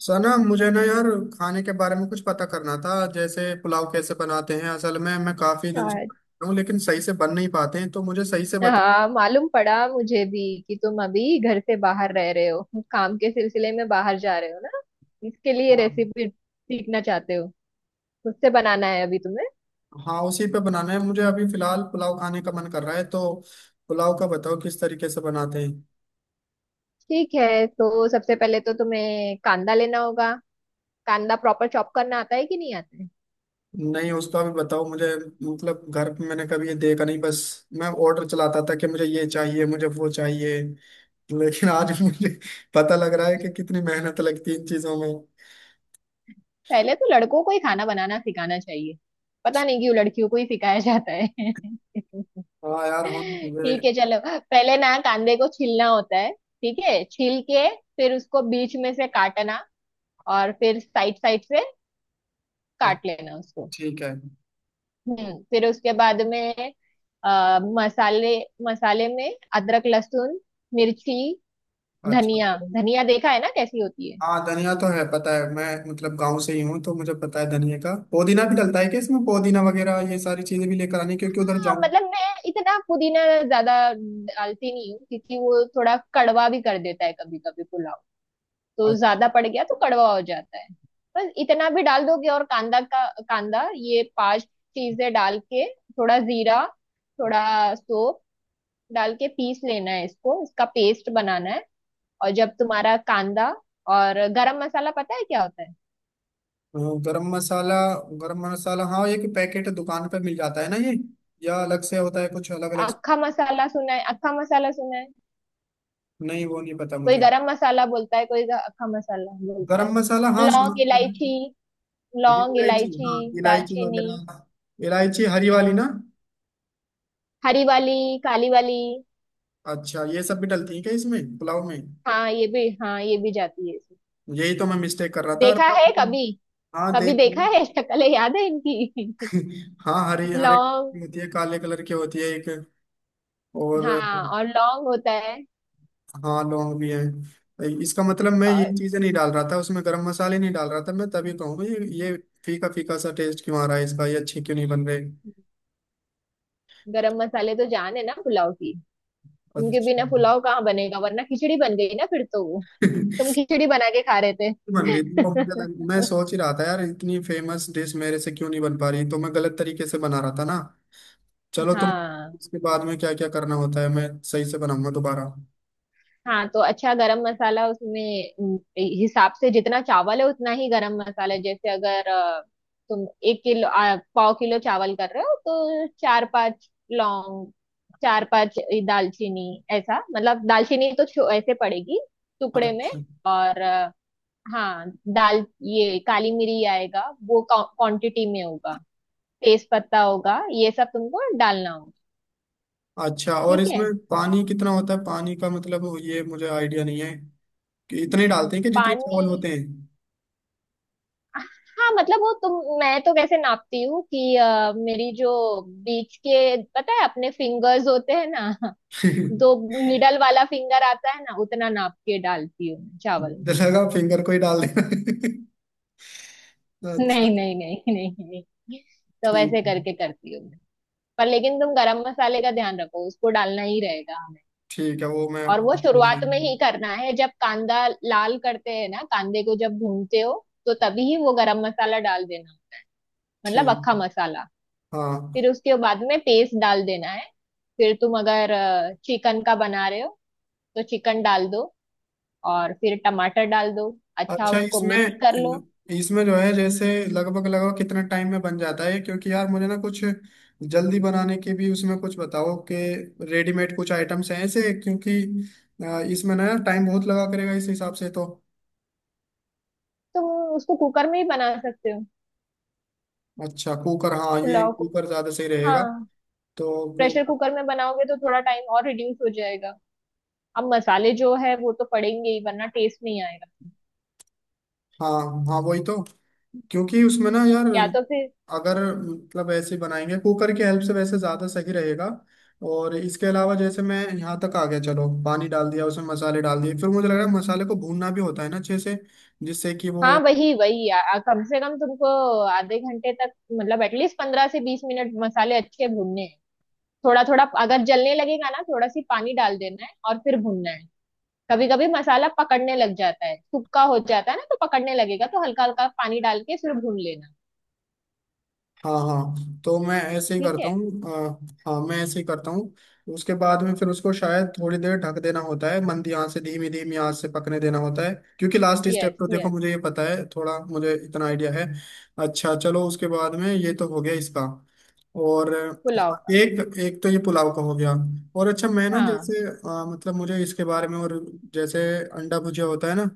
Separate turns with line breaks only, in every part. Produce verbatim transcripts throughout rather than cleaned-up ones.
सना, मुझे ना यार खाने के बारे में कुछ पता करना था। जैसे पुलाव कैसे बनाते हैं? असल में मैं काफी दिन से
अच्छा,
बना रहा हूँ लेकिन सही से बन नहीं पाते हैं, तो मुझे सही से बता।
हाँ मालूम पड़ा मुझे भी कि तुम अभी घर से बाहर रह रहे हो, काम के सिलसिले में बाहर जा रहे हो ना। इसके लिए
हाँ।
रेसिपी सीखना चाहते हो। उससे बनाना है अभी तुम्हें।
हाँ, उसी पे बनाना है मुझे। अभी फिलहाल पुलाव खाने का मन कर रहा है, तो पुलाव का बताओ किस तरीके से बनाते हैं।
ठीक है, तो सबसे पहले तो तुम्हें कांदा लेना होगा। कांदा प्रॉपर चॉप करना आता है कि नहीं आता है?
नहीं, उसका भी बताओ मुझे। मतलब घर पे मैंने कभी ये देखा नहीं। बस मैं ऑर्डर चलाता था कि मुझे ये चाहिए, मुझे वो चाहिए, लेकिन आज मुझे पता लग रहा है कि कितनी मेहनत लगती है इन चीजों में।
पहले तो लड़कों को ही खाना बनाना सिखाना चाहिए। पता नहीं क्यों लड़कियों को ही सिखाया जाता है।
हाँ यार।
ठीक है, चलो पहले ना कांदे को छीलना होता है। ठीक है, छील के फिर उसको बीच में से काटना, और फिर साइड साइड से
हम।
काट लेना उसको।
ठीक है।
हम्म फिर उसके बाद में अ, मसाले मसाले में अदरक लहसुन मिर्ची
अच्छा।
धनिया। धनिया देखा है ना कैसी होती है?
हाँ, धनिया तो है, पता है मैं, मतलब गांव से ही हूँ, तो मुझे पता है धनिया का। पुदीना भी डलता है क्या इसमें? पुदीना वगैरह ये सारी चीजें भी लेकर आनी, क्योंकि उधर
हाँ
जाऊँ।
मतलब मैं इतना पुदीना ज्यादा डालती नहीं हूँ, क्योंकि वो थोड़ा कड़वा भी कर देता है कभी कभी पुलाव। तो
अच्छा।
ज्यादा पड़ गया तो कड़वा हो जाता है। बस इतना भी डाल दोगे, और कांदा का कांदा, ये पांच चीजें डाल के थोड़ा जीरा थोड़ा सौंफ डाल के पीस लेना है इसको, इसका पेस्ट बनाना है। और जब तुम्हारा कांदा, और गरम मसाला पता है क्या होता है?
हाँ, गरम मसाला। गरम मसाला, हाँ, एक पैकेट दुकान पे मिल जाता है ना ये, या अलग से होता है कुछ अलग अलग?
अक्खा मसाला सुना है? अक्खा मसाला सुना है?
नहीं, वो नहीं पता
कोई
मुझे।
गरम मसाला बोलता है, कोई ग- अक्खा मसाला बोलता है।
गरम मसाला, हाँ, सुना
लौंग
तो है।
इलायची,
हरी
लौंग
इलायची,
इलायची,
हाँ, इलायची
दालचीनी।
वगैरह। इलायची हरी वाली ना?
हरी वाली, काली वाली।
अच्छा, ये सब भी डलती है क्या इसमें, पुलाव में?
हाँ ये भी हाँ ये भी जाती है इसमें।
यही तो मैं मिस्टेक कर रहा था। और
देखा है कभी?
हाँ,
कभी
देख
देखा
लिया।
है? शक्ल याद है इनकी?
हाँ, हरी, हरे
लौंग।
होती है, काले कलर की होती है एक, और
हाँ, और लौंग होता है।
हाँ, लौंग भी है। इसका मतलब मैं ये
और
चीजें नहीं डाल रहा था उसमें, गरम मसाले नहीं डाल रहा था मैं, तभी कहूँगा ये ये फीका फीका सा टेस्ट क्यों आ रहा है इसका, ये अच्छे क्यों नहीं बन रहे।
गरम मसाले तो जान है ना पुलाव की। उनके
अच्छा।
बिना पुलाव कहाँ बनेगा, वरना खिचड़ी बन गई ना फिर तो वो। तुम खिचड़ी बना के खा रहे थे?
बन रही थी, और मुझे लग- मैं सोच ही रहा था यार, इतनी फेमस डिश मेरे से क्यों नहीं बन पा रही? तो मैं गलत तरीके से बना रहा था ना। चलो, तुम
हाँ,
इसके बाद में क्या क्या करना होता है? मैं सही से बनाऊंगा दोबारा।
हाँ। तो अच्छा, गरम मसाला उसमें उम, हिसाब से, जितना चावल है उतना ही गरम मसाला है। जैसे अगर अ, तुम एक किलो, आ, पाव किलो चावल कर रहे हो, तो चार पांच लौंग, चार पांच दालचीनी, ऐसा। मतलब दालचीनी तो छो- ऐसे पड़ेगी, टुकड़े में।
अच्छा।
और अ, हाँ, दाल ये काली मिरी आएगा, वो क्वांटिटी में होगा। तेज पत्ता होगा, ये सब तुमको डालना होगा।
अच्छा, और
ठीक है।
इसमें पानी कितना होता है? पानी का मतलब ये मुझे आइडिया नहीं है कि इतने ही डालते हैं कि जितने चावल होते
पानी?
हैं।
हाँ मतलब वो तुम, मैं तो कैसे नापती हूँ कि अ, मेरी जो बीच के पता है अपने फिंगर्स होते हैं ना दो, मिडल वाला फिंगर आता है ना, उतना नाप के डालती हूँ मैं चावल में।
लगा फिंगर को ही डाल देना। अच्छा।
नहीं नहीं नहीं नहीं नहीं। तो
ठीक।
वैसे करके करती हूँ मैं। पर लेकिन तुम गरम मसाले का ध्यान रखो, उसको डालना ही रहेगा।
ठीक है, वो मैं
और वो
अच्छे से।
शुरुआत में ही करना है, जब कांदा लाल करते हैं ना, कांदे को जब भूनते हो तो तभी ही वो गरम मसाला डाल देना। मतलब अक्खा
ठीक।
मसाला।
हाँ।
फिर उसके बाद में पेस्ट डाल देना है। फिर तुम अगर चिकन का बना रहे हो तो चिकन डाल दो, और फिर टमाटर डाल दो। अच्छा,
अच्छा,
उसको मिक्स कर लो।
इसमें इसमें जो है, जैसे लगभग लगभग कितना टाइम में बन जाता है? क्योंकि यार मुझे ना कुछ जल्दी बनाने की भी उसमें कुछ बताओ कि रेडीमेड कुछ आइटम्स हैं ऐसे, क्योंकि अ, इसमें ना टाइम बहुत लगा करेगा इस हिसाब से तो।
तुम उसको कुकर में ही बना सकते हो,
अच्छा, कुकर। हाँ, ये
पुलाव को।
कुकर ज्यादा सही रहेगा।
हाँ,
तो
प्रेशर
कुकर।
कुकर में बनाओगे तो थोड़ा टाइम और रिड्यूस हो जाएगा। अब मसाले जो है वो तो पड़ेंगे ही, वरना टेस्ट नहीं आएगा।
हाँ। हाँ, वही तो, क्योंकि उसमें ना यार,
या तो फिर,
अगर मतलब ऐसे ही बनाएंगे कुकर की हेल्प से, वैसे ज्यादा सही रहेगा। और इसके अलावा जैसे मैं यहाँ तक आ गया, चलो पानी डाल दिया उसमें, मसाले डाल दिए, फिर मुझे लग रहा है मसाले को भूनना भी होता है ना अच्छे से, जिससे कि
हाँ,
वो।
वही वही आ, आ- कम से कम तुमको आधे घंटे तक, मतलब एटलीस्ट पंद्रह से बीस मिनट मसाले अच्छे भूनने हैं। थोड़ा थोड़ा अगर जलने लगेगा ना, थोड़ा सी पानी डाल देना है और फिर भूनना है। कभी कभी मसाला पकड़ने लग जाता है, सूखा हो जाता है ना, तो पकड़ने लगेगा तो हल्का हल्का पानी डाल के फिर भून लेना।
हाँ हाँ, तो मैं ऐसे ही
ठीक
करता
है।
हूँ। अ, हाँ, मैं ऐसे ही करता हूँ। उसके बाद में फिर उसको शायद थोड़ी देर ढक देना होता है, मंदी आंच से, धीमी धीमी आंच से पकने देना होता है, क्योंकि लास्ट स्टेप
यस,
तो देखो
यस।
मुझे ये पता है, थोड़ा मुझे इतना आइडिया है। अच्छा चलो, उसके बाद में, ये तो हो गया इसका। और
पुलाव
हाँ,
का।
एक एक तो ये पुलाव का हो गया। और अच्छा, मैं ना
हाँ।
जैसे अ, मतलब, मुझे इसके बारे में और, जैसे अंडा भुजिया होता है ना,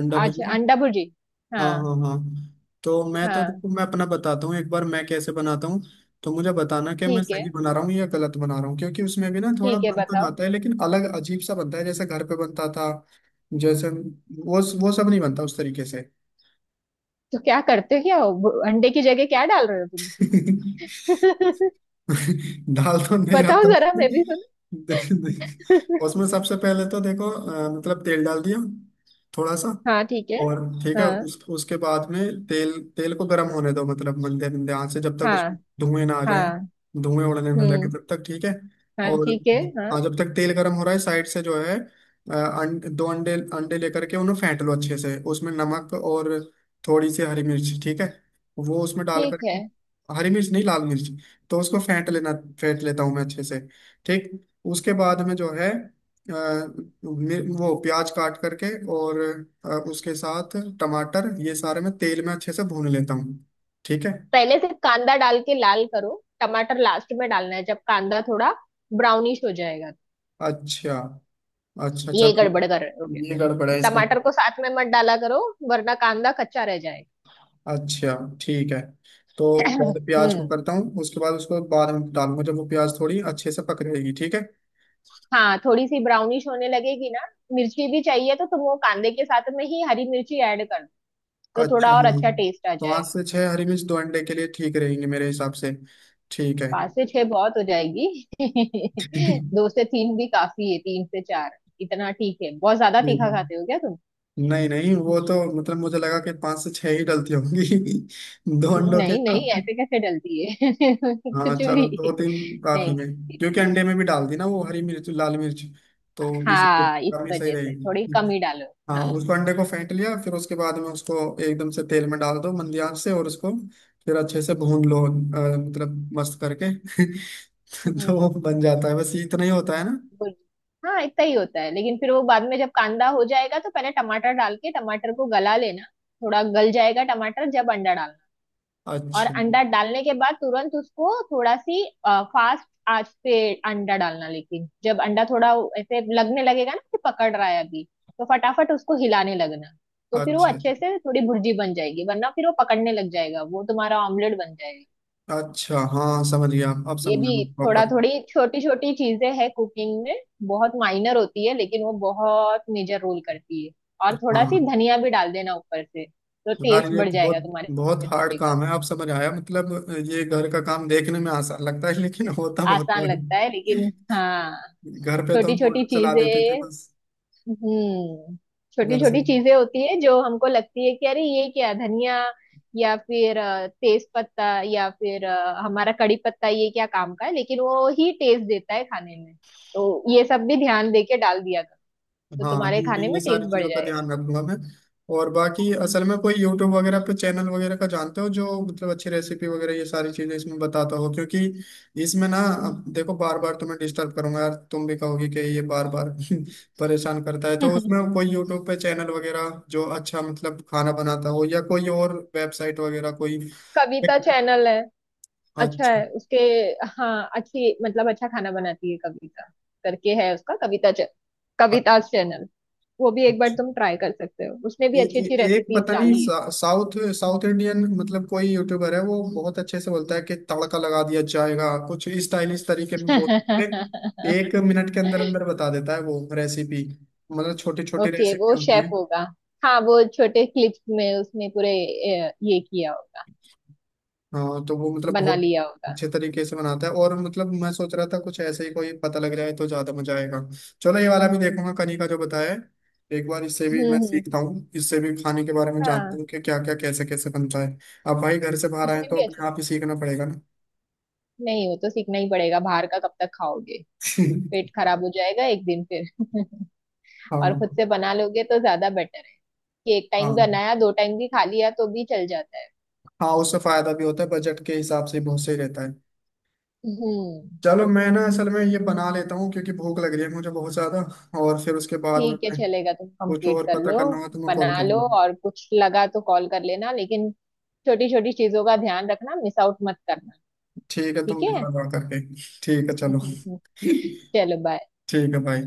अंडा
आज
भुजिया।
अंडा भुर्जी।
हाँ
हाँ,
हाँ हाँ। तो मैं तो
हाँ,
तुमको मैं अपना बताता हूँ एक बार मैं कैसे बनाता हूँ, तो मुझे बताना कि मैं
ठीक है।
सही बना रहा हूँ या गलत बना रहा हूँ, क्योंकि उसमें भी ना थोड़ा
ठीक है,
बन तो
बताओ।
जाता है लेकिन अलग, अजीब सा बनता है, जैसे घर पे बनता था। जैसे वो वो सब नहीं बनता उस तरीके से।
तो क्या करते हो? क्या हो, अंडे की जगह क्या डाल रहे हो तुम इसमें?
डाल तो नहीं रहा
बताओ
था
जरा,
उसमें।
मैं भी सुन।
देख देख। उसमें सबसे पहले तो देखो, अ, मतलब तेल डाल दिया थोड़ा सा।
हाँ, ठीक है।
और ठीक है,
हाँ,
उस उसके बाद में, तेल तेल को गर्म होने दो, मतलब मंदे मंदे आंच से, जब तक उसमें
हाँ,
धुएं ना आ जाए,
हाँ।
धुएं उड़ने ना लगे
हम्म।
तब तक, ठीक है।
हाँ,
और
ठीक है। हाँ।
हाँ, जब तक तेल गर्म हो रहा है, साइड से जो है, अ, अंड, दो अंडे अंडे लेकर के उन्हें फेंट लो अच्छे से, उसमें नमक और थोड़ी सी हरी मिर्च, ठीक है, वो उसमें डाल
ठीक है।
करके। हरी मिर्च नहीं, लाल मिर्च। तो उसको फेंट लेना, फेंट लेता हूँ मैं अच्छे से। ठीक। उसके बाद में जो है, अ, मि- वो प्याज काट करके, और अ, उसके साथ टमाटर, ये सारे मैं तेल में अच्छे से भून लेता हूँ, ठीक है।
पहले से कांदा डाल के लाल करो। टमाटर लास्ट में डालना है, जब कांदा थोड़ा ब्राउनिश हो जाएगा।
अच्छा। अच्छा
ये
चलो।
गड़बड़ कर रहे होगे
ये
तुम।
गड़बड़ है इसका।
टमाटर को साथ में मत डाला करो, वरना कांदा कच्चा रह जाएगा।
अच्छा, ठीक है। तो पहले प्याज को
हम्म।
करता हूँ, उसके बाद उसको बाद में डालूंगा, जब वो प्याज थोड़ी अच्छे से पक जाएगी, ठीक है।
हाँ, थोड़ी सी ब्राउनिश होने लगेगी ना। मिर्ची भी चाहिए तो तुम वो कांदे के साथ में ही हरी मिर्ची ऐड कर दो, तो
अच्छा
थोड़ा और
हाँ,
अच्छा टेस्ट आ
पाँच
जाएगा।
से छह हरी मिर्च दो अंडे के लिए ठीक रहेंगे मेरे हिसाब से, ठीक है।
पांच से छह बहुत हो जाएगी।
नहीं
दो से तीन भी काफी है, तीन से चार, इतना ठीक है। बहुत ज्यादा तीखा खाते हो क्या तुम?
नहीं, वो तो मतलब मुझे लगा कि पांच से छह ही डलती होंगी। दो अंडों के
नहीं नहीं,
का-
ऐसे कैसे डलती है? कुछ
हाँ
भी।
चलो, दो
नहीं
तीन काफी में।
नहीं।
क्योंकि अंडे में भी डाल दी ना वो हरी मिर्च, लाल मिर्च, तो उसको
हाँ, इस
कमी सही
वजह से थोड़ी
रहेगी।
कम ही डालो।
हाँ,
हाँ।
उसको, अंडे को फेंट लिया, फिर उसके बाद में उसको एकदम से तेल में डाल दो, मंदी आंच से, और उसको फिर अच्छे से भून लो, अ, मतलब मस्त करके। तो वो
हम्म।
बन जाता है, बस इतना ही होता है ना।
बुर- हाँ, इतना ही होता है, लेकिन फिर वो बाद में जब कांदा हो जाएगा तो पहले टमाटर डाल के टमाटर को गला लेना। थोड़ा गल जाएगा टमाटर, जब अंडा डालना। और
अच्छा।
अंडा डालने के बाद तुरंत उसको थोड़ा सी आ, फास्ट आंच पे अंडा डालना, लेकिन जब अंडा थोड़ा ऐसे लगने लगेगा ना कि पकड़ रहा है अभी, तो फटाफट उसको हिलाने लगना। तो फिर वो
अच्छा।
अच्छे से थोड़ी भुर्जी बन जाएगी, वरना फिर वो पकड़ने लग जाएगा, वो तुम्हारा ऑमलेट बन जाएगा।
अच्छा हाँ, समझ गया, अब
ये
समझ
भी
गया
थोड़ा,
प्रॉपर।
थोड़ी छोटी छोटी चीजें है कुकिंग में, बहुत माइनर होती है लेकिन वो बहुत मेजर रोल करती है। और थोड़ा सी
हाँ
धनिया भी डाल देना ऊपर से, तो
यार,
टेस्ट
ये
बढ़
बहुत
जाएगा
बहुत
तुम्हारे
हार्ड
भुर्जी का।
काम है। आप समझ आया, मतलब? ये घर का काम देखने में आसान लगता है लेकिन होता बहुत
आसान
बड़ा
लगता है, लेकिन हाँ,
है। घर पे तो
छोटी
हम
छोटी
ऑटो चला देते थे
चीजें।
बस।
हम्म। छोटी
घर से।
छोटी चीजें होती है जो हमको लगती है कि अरे ये क्या धनिया या फिर अ, तेज पत्ता या फिर अ, हमारा कड़ी पत्ता, ये क्या काम का है, लेकिन वो ही टेस्ट देता है खाने में। तो ये सब भी ध्यान दे के डाल दिया कर, तो
हाँ,
तुम्हारे
नहीं
खाने
नहीं, ये
में
सारी
टेस्ट बढ़
चीज़ों का
जाएगा।
ध्यान रखूंगा मैं। और बाकी असल में कोई यूट्यूब वगैरह पे चैनल वगैरह का जानते हो, जो मतलब अच्छी रेसिपी वगैरह ये सारी चीज़ें इसमें बताता हो, क्योंकि इसमें ना, अब देखो, बार बार तुम्हें डिस्टर्ब करूंगा यार, तुम भी कहोगे कि ये बार बार परेशान करता है, तो उसमें कोई यूट्यूब पे चैनल वगैरह जो अच्छा मतलब खाना बनाता हो, या कोई और वेबसाइट वगैरह कोई।
कविता चैनल है, अच्छा
अच्छा।
है उसके। हाँ, अच्छी मतलब अच्छा खाना बनाती है। कविता करके है उसका, कविता च, कविता चैनल। वो भी एक बार
अच्छा।
तुम ट्राई कर सकते हो, उसने
ए,
भी अच्छी अच्छी
ए, एक
रेसिपीज
पता नहीं,
डाली
सा- साउथ साउथ इंडियन, मतलब कोई यूट्यूबर है, वो बहुत अच्छे से बोलता है कि तड़का लगा दिया जाएगा, कुछ स्टाइलिश तरीके में बोल
है।
के एक मिनट के अंदर अंदर बता देता है वो रेसिपी, मतलब छोटी छोटी
ओके, वो
रेसिपी होती
शेफ
है।
होगा। हाँ, वो छोटे क्लिप्स में उसने पूरे अ, ये किया होगा,
हाँ, तो वो मतलब
बना
बहुत
लिया होगा।
अच्छे तरीके से बनाता है, और मतलब मैं सोच रहा था कुछ ऐसे ही कोई पता लग जाए तो ज्यादा मजा आएगा। चलो, ये वाला भी देखूंगा कनी का जो बताया है। एक बार इससे भी
हम्म,
मैं
हम्म।
सीखता हूँ, इससे भी खाने के बारे में जानता
हाँ,
हूँ कि क्या क्या कैसे कैसे बनता है। अब भाई घर से बाहर आए
उसने
तो
भी अच्छे।
अपने आप ही सीखना पड़ेगा ना।
नहीं, वो तो सीखना ही पड़ेगा, बाहर का कब तक खाओगे? पेट खराब हो जाएगा एक दिन फिर। और
हाँ
खुद से बना लोगे तो ज्यादा बेटर, कि एक टाइम
हाँ
बनाया दो टाइम भी खा लिया तो भी चल जाता है।
हाँ, उससे फायदा भी होता है, बजट के हिसाब से बहुत सही रहता है।
हम्म।
चलो, मैं ना असल में ये बना लेता हूँ, क्योंकि भूख लग रही है मुझे बहुत ज्यादा, और फिर उसके बाद में
ठीक है,
मैं
चलेगा, तुम
कुछ
कंप्लीट
और
कर
पता
लो।
करना होगा तो मैं
बना
कॉल
लो,
करूंगा।
और कुछ लगा तो कॉल कर लेना, लेकिन छोटी छोटी चीजों का ध्यान रखना, मिस आउट मत करना।
ठीक है,
ठीक
तुम
है।
थोड़ा करके। ठीक है चलो। ठीक
चलो, बाय।
है भाई।